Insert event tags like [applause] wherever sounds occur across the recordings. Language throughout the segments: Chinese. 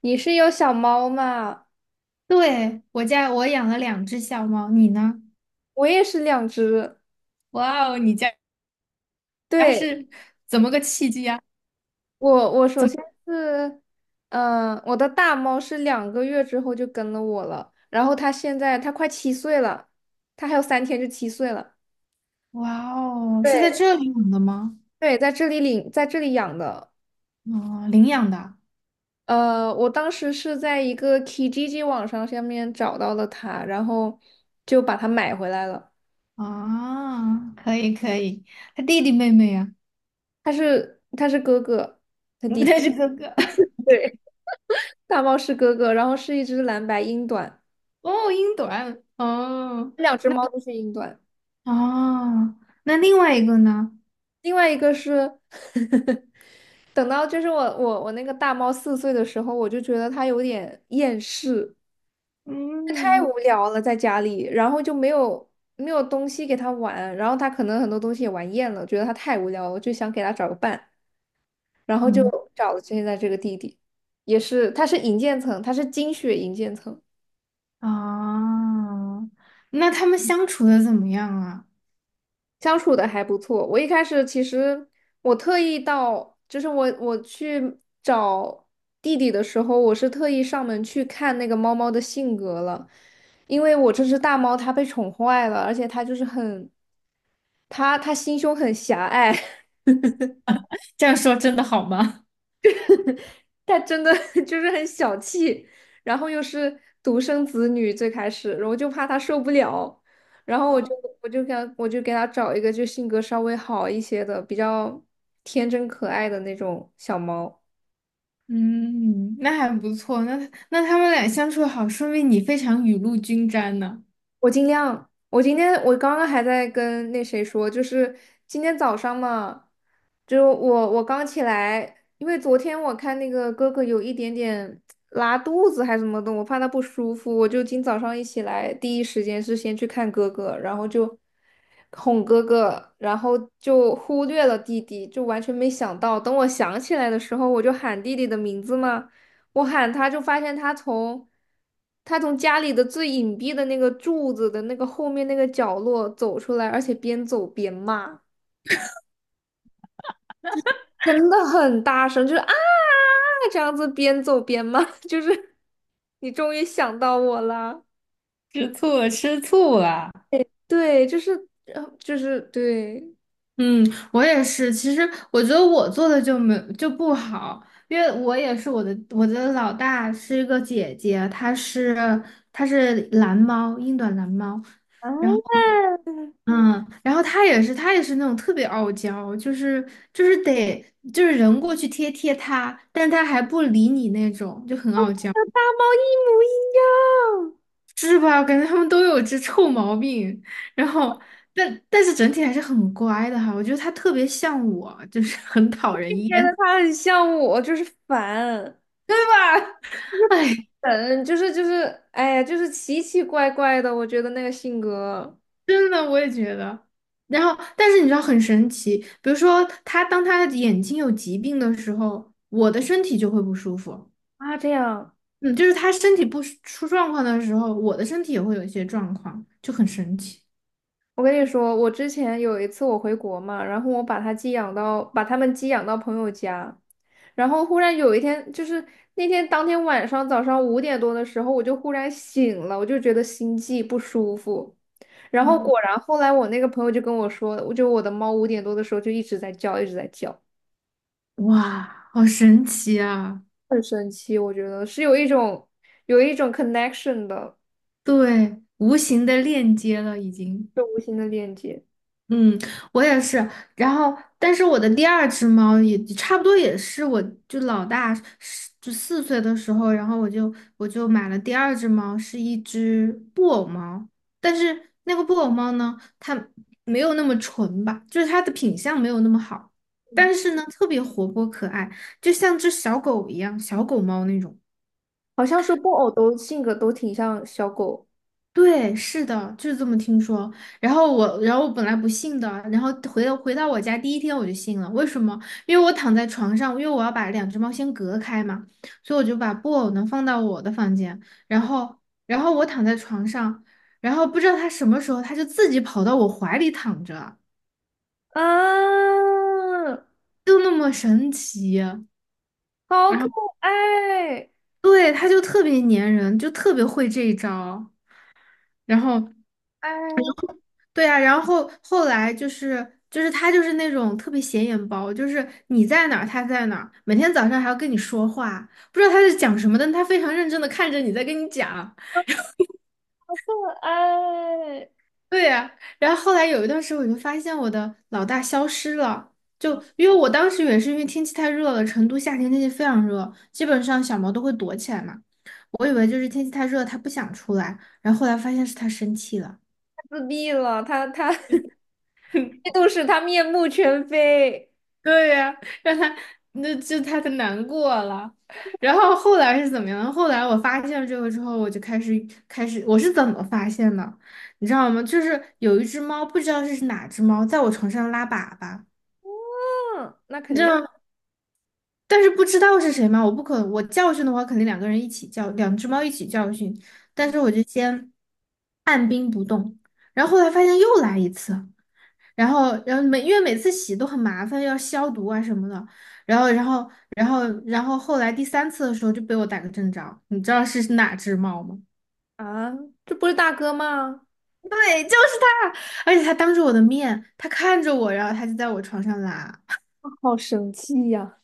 你是有小猫吗？对，我家养了两只小猫，你呢？我也是两只。哇哦，你家它对，是怎么个契机啊？我首先是，我的大猫是2个月之后就跟了我了，然后它现在快七岁了，它还有三天就七岁了。哇哦，是在对，这里养的吗？对，在这里领，在这里养的。哦，领养的我当时是在一个 k G G 网上下面找到了它，然后就把它买回来了。啊，可以可以。他弟弟妹妹呀、它是哥哥，啊？[laughs] 他是哥哥。对，大猫是哥哥，然后是一只蓝白英短，[laughs] 哦，英短。哦两只猫都是英短。哦，那另外一个呢？另外一个是 [laughs] 等到就是我那个大猫4岁的时候，我就觉得它有点厌世，太嗯无聊了在家里，然后就没有东西给它玩，然后它可能很多东西也玩厌了，觉得它太无聊了，就想给它找个伴，然后就嗯找了现在这个弟弟，也是他是银渐层，他是金血银渐层。啊，那他们相处的怎么样啊？相处的还不错。我一开始其实我特意到，就是我去找弟弟的时候，我是特意上门去看那个猫猫的性格了，因为我这只大猫它被宠坏了，而且它就是很，它心胸很狭隘。[laughs] 这样说真的好吗？他真的 [laughs] 就是很小气，然后又是独生子女，最开始，然后我就怕他受不了，然后我就 [laughs] 我就给他我就给他找一个就性格稍微好一些的，比较天真可爱的那种小猫。嗯，那还不错。那他们俩相处好，说明你非常雨露均沾呢。我尽量。我今天我刚刚还在跟那谁说，就是今天早上嘛，就我刚起来，因为昨天我看那个哥哥有一点点拉肚子还是什么的，我怕他不舒服，我就今早上一起来，第一时间是先去看哥哥，然后就哄哥哥，然后就忽略了弟弟，就完全没想到，等我想起来的时候，我就喊弟弟的名字嘛。我喊他，就发现他从家里的最隐蔽的那个柱子的那个后面那个角落走出来，而且边走边骂，真的很大声，就是啊这样子边走边骂，[laughs] 就是你终于想到我了，吃醋了，吃醋了。对，就是对，嗯，我也是。其实我觉得我做的就不好，因为我也是我的老大是一个姐姐，她是蓝猫，英短蓝猫。然后，嗯，然后她也是，她也是那种特别傲娇，就是就是得就是人过去贴贴她，但她还不理你那种，就很傲娇。大猫一模一样，是吧？感觉他们都有这臭毛病，然后，但是整体还是很乖的哈。我觉得他特别像我，就是很讨人觉得厌。它很像我，就是烦。[laughs] 哎，嗯，就是，哎呀，就是奇奇怪怪的，我觉得那个性格真的，我也觉得。然后，但是你知道很神奇，比如说他的眼睛有疾病的时候，我的身体就会不舒服。啊，这样。嗯，就是他身体不舒出状况的时候，我的身体也会有一些状况，就很神奇。我跟你说，我之前有一次我回国嘛，然后我把它寄养到，把它们寄养到朋友家，然后忽然有一天，就是那天当天晚上早上五点多的时候，我就忽然醒了，我就觉得心悸不舒服，然后嗯，果然后来我那个朋友就跟我说，我的猫五点多的时候就一直在叫，一直在叫，哇，好神奇啊！很神奇，我觉得是有一种 connection 的，对，无形的链接了已经。就无形的链接，嗯，我也是。然后，但是我的第二只猫也差不多也是，我就老大是就四岁的时候，然后我就买了第二只猫，是一只布偶猫。但是那个布偶猫呢，它没有那么纯吧，就是它的品相没有那么好，但是呢，特别活泼可爱，就像只小狗一样，小狗猫那种。好像说布偶都性格都挺像小狗。对，是的，就是这么听说。然后我本来不信的，然后回到我家第一天我就信了。为什么？因为我躺在床上，因为我要把两只猫先隔开嘛，所以我就把布偶呢放到我的房间，然后，然后我躺在床上，然后不知道它什么时候它就自己跑到我怀里躺着，啊！就那么神奇。好然可后，爱，对，它就特别粘人，就特别会这一招。然后。哎，对呀，然后后来他就是那种特别显眼包，就是你在哪儿他在哪儿，每天早上还要跟你说话，不知道他在讲什么，但他非常认真的看着你在跟你讲。好可爱，太对呀，然后后来有一段时间我就发现我的老大消失了，因为我当时也是因为天气太热了，成都夏天天气非常热，基本上小猫都会躲起来嘛，我以为就是天气太热它不想出来，然后后来发现是它生气了。自闭了，他 [laughs] 嫉 [laughs] 妒使 [laughs] 他面目全非。对呀、让他那就他他难过了。然后后来是怎么样？后来我发现了这个之后，我就开始开始，我是怎么发现的？你知道吗？就是有一只猫，不知道是哪只猫，在我床上拉粑粑，嗯，那你肯知定道吗，但是不知道是谁嘛，我不可，我教训的话，肯定两个人一起教，两只猫一起教训。但是我就先按兵不动，然后后来发现又来一次。然后，然后每因为每次洗都很麻烦，要消毒啊什么的。然后后来第三次的时候就被我逮个正着，你知道是哪只猫吗？[laughs] 啊，这不是大哥吗？对，就是它，而且它当着我的面，它看着我，然后它就在我床上拉，好生气呀、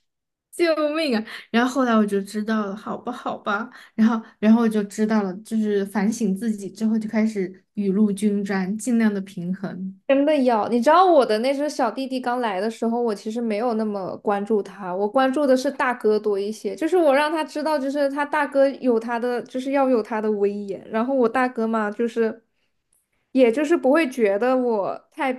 救命啊！然后后来我就知道了，好吧，好吧，然后，然后我就知道了，就是反省自己之后就开始雨露均沾，尽量的平衡。真的要，你知道我的那只小弟弟刚来的时候，我其实没有那么关注他，我关注的是大哥多一些。就是我让他知道，就是他大哥有他的，就是要有他的威严。然后我大哥嘛，就是也就是不会觉得我太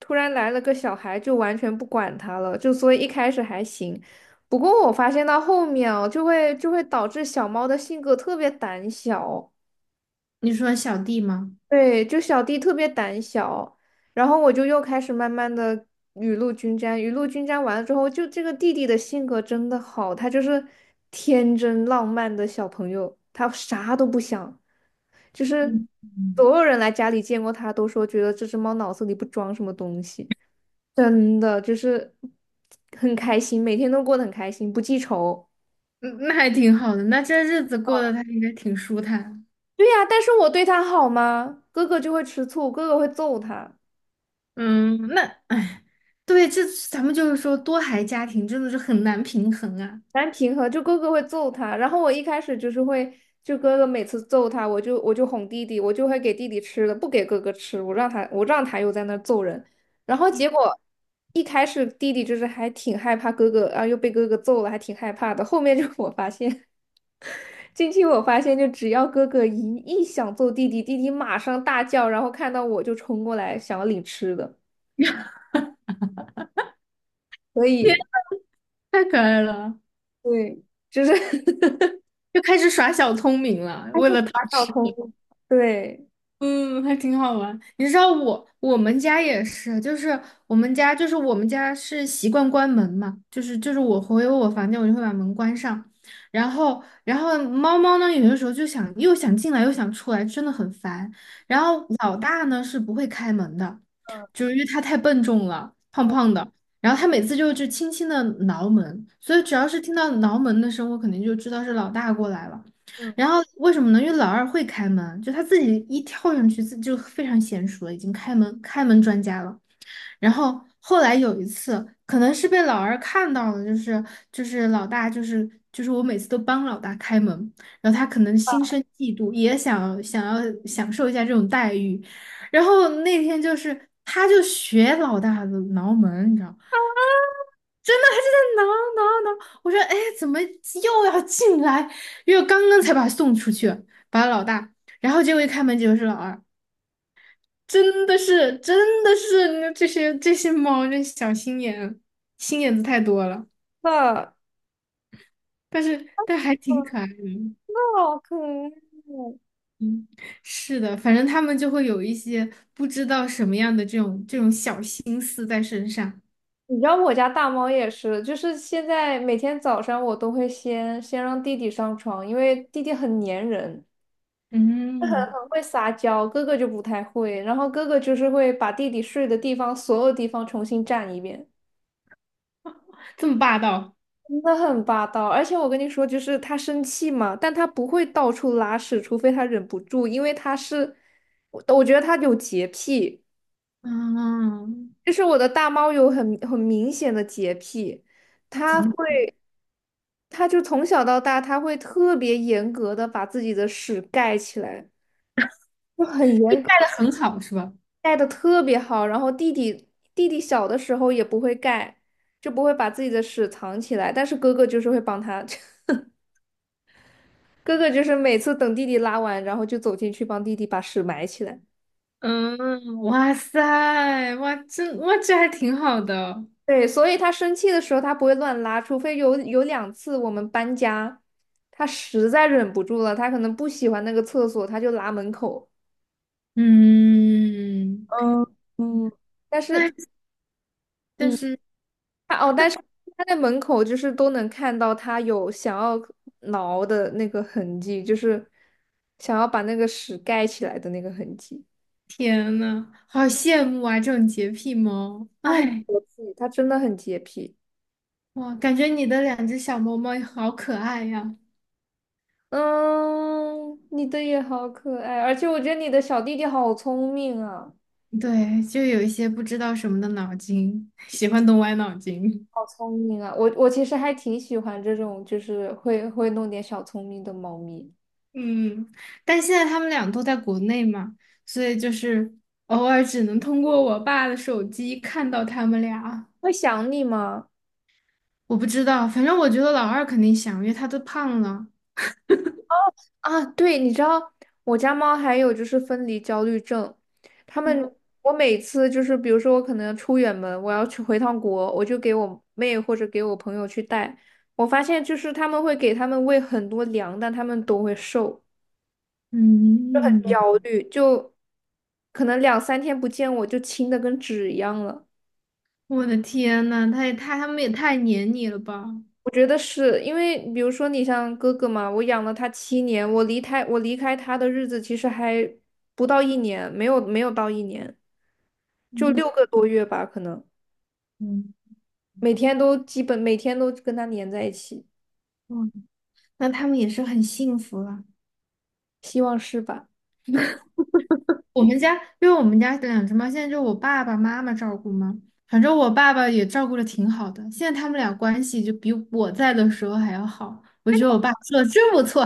突然来了个小孩就完全不管他了，就所以一开始还行。不过我发现到后面哦，就会导致小猫的性格特别胆小。你说小弟吗？对，就小弟特别胆小，然后我就又开始慢慢的雨露均沾，雨露均沾完了之后，就这个弟弟的性格真的好，他就是天真浪漫的小朋友，他啥都不想，就是嗯，所有人来家里见过他都说觉得这只猫脑子里不装什么东西，真的就是很开心，每天都过得很开心，不记仇。嗯，那还挺好的，那这日子过得他应该挺舒坦。对呀，但是我对他好吗？哥哥就会吃醋，哥哥会揍他。嗯，那哎，对，这咱们多孩家庭真的是很难平衡啊，难平和，就哥哥会揍他，然后我一开始就是会，就哥哥每次揍他，我就哄弟弟，我就会给弟弟吃的，不给哥哥吃，我让他又在那儿揍人，然后结果一开始弟弟就是还挺害怕哥哥啊，又被哥哥揍了，还挺害怕的。后面就我发现，[laughs] 近期我发现就只要哥哥一想揍弟弟，弟弟马上大叫，然后看到我就冲过来想要领吃的，所以太可爱了，对，就是 [laughs] 又开始耍小聪明了，还为是了讨打小吃。通，对。嗯，还挺好玩。你知道我们家也是，就是我们家是习惯关门嘛，我回我房间我就会把门关上，然后猫猫呢有的时候又想进来又想出来，真的很烦。然后老大呢是不会开门的，嗯就是因为它太笨重了，胖胖嗯的，然后它每次就轻轻的挠门，所以只要是听到挠门的声，我肯定就知道是老大过来了。嗯。然后为什么呢？因为老二会开门，就他自己一跳上去，自就非常娴熟了，开门专家了。然后后来有一次，可能是被老二看到了，老大我每次都帮老大开门，然后他可能心生嫉妒，想要享受一下这种待遇。然后那天就是他就学老大的挠门，你知道吗。真的还是在挠。我说，哎，怎么又要进来？因为我刚刚才把他送出去，把老大，然后结果一开门，结果是老二，真的是这些猫，这小心眼，心眼子太多了。的，但是，但还挺可爱的。那好可爱。嗯，是的，反正他们就会有一些不知道什么样的这种小心思在身上。你知道我家大猫也是，就是现在每天早上我都会先让弟弟上床，因为弟弟很粘人，[laughs] 很嗯，很会撒娇，哥哥就不太会。然后哥哥就是会把弟弟睡的地方所有地方重新占一遍，这么霸道。真的很霸道。而且我跟你说，就是他生气嘛，但他不会到处拉屎，除非他忍不住，因为他是，我觉得他有洁癖。嗯，就是我的大猫有很明显的洁癖，怎它么会，它就从小到大，它会特别严格的把自己的屎盖起来，就很就严带的格，很好是吧？盖的特别好。然后弟弟小的时候也不会盖，就不会把自己的屎藏起来，但是哥哥就是会帮他，[laughs] 哥哥就是每次等弟弟拉完，然后就走进去帮弟弟把屎埋起来。嗯，哇塞，哇，这还挺好的，对，所以他生气的时候他不会乱拉，除非有2次我们搬家，他实在忍不住了，他可能不喜欢那个厕所，他就拉门口。嗯 嗯嗯但是 [laughs]，那但嗯，是但是他在门口就是都能看到他有想要挠的那个痕迹，就是想要把那个屎盖起来的那个痕迹。天呐，好羡慕啊，这种洁癖猫，他很哎，洁癖，他真的很洁癖。哇，感觉你的两只小猫猫好可爱呀，嗯，你的也好可爱，而且我觉得你的小弟弟好聪明啊。对，就有一些不知道什么的脑筋，[laughs] 喜欢动歪脑筋，好聪明啊！我其实还挺喜欢这种，就是会弄点小聪明的猫咪。嗯，但现在他们俩都在国内嘛，所以就是偶尔只能通过我爸的手机看到他们俩。会想你吗？我不知道，反正我觉得老二肯定想，因为他都胖了。啊，对，你知道我家猫还有就是分离焦虑症，它们嗯，我每次就是比如说我可能出远门，我要去回趟国，我就给我妹或者给我朋友去带。我发现就是他们会给他们喂很多粮，但他们都会瘦，很嗯，焦虑，就可能两三天不见我就轻的跟纸一样了。我的天呐，他们也太黏你了吧？我觉得是因为，比如说你像哥哥嘛，我养了他7年，我离开他的日子其实还不到一年，没有到一年，就嗯6个多月吧，可能嗯，每天都基本每天都跟他黏在一起，哇，那他们也是很幸福了。希望是吧？我们家，因为我们家的两只猫现在就我爸爸妈妈照顾嘛，反正我爸爸也照顾的挺好的，现在他们俩关系就比我在的时候还要好，我觉得我爸做的真不错。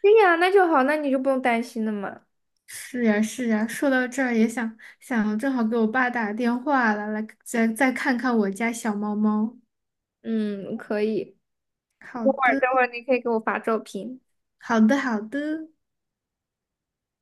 对呀，那就好，那你就不用担心了嘛。是呀，是呀，说到这儿也想想，正好给我爸打电话了，来再看看我家小猫猫。嗯，可以。好等会儿的，等会儿你可以给我发照片。好的，好的。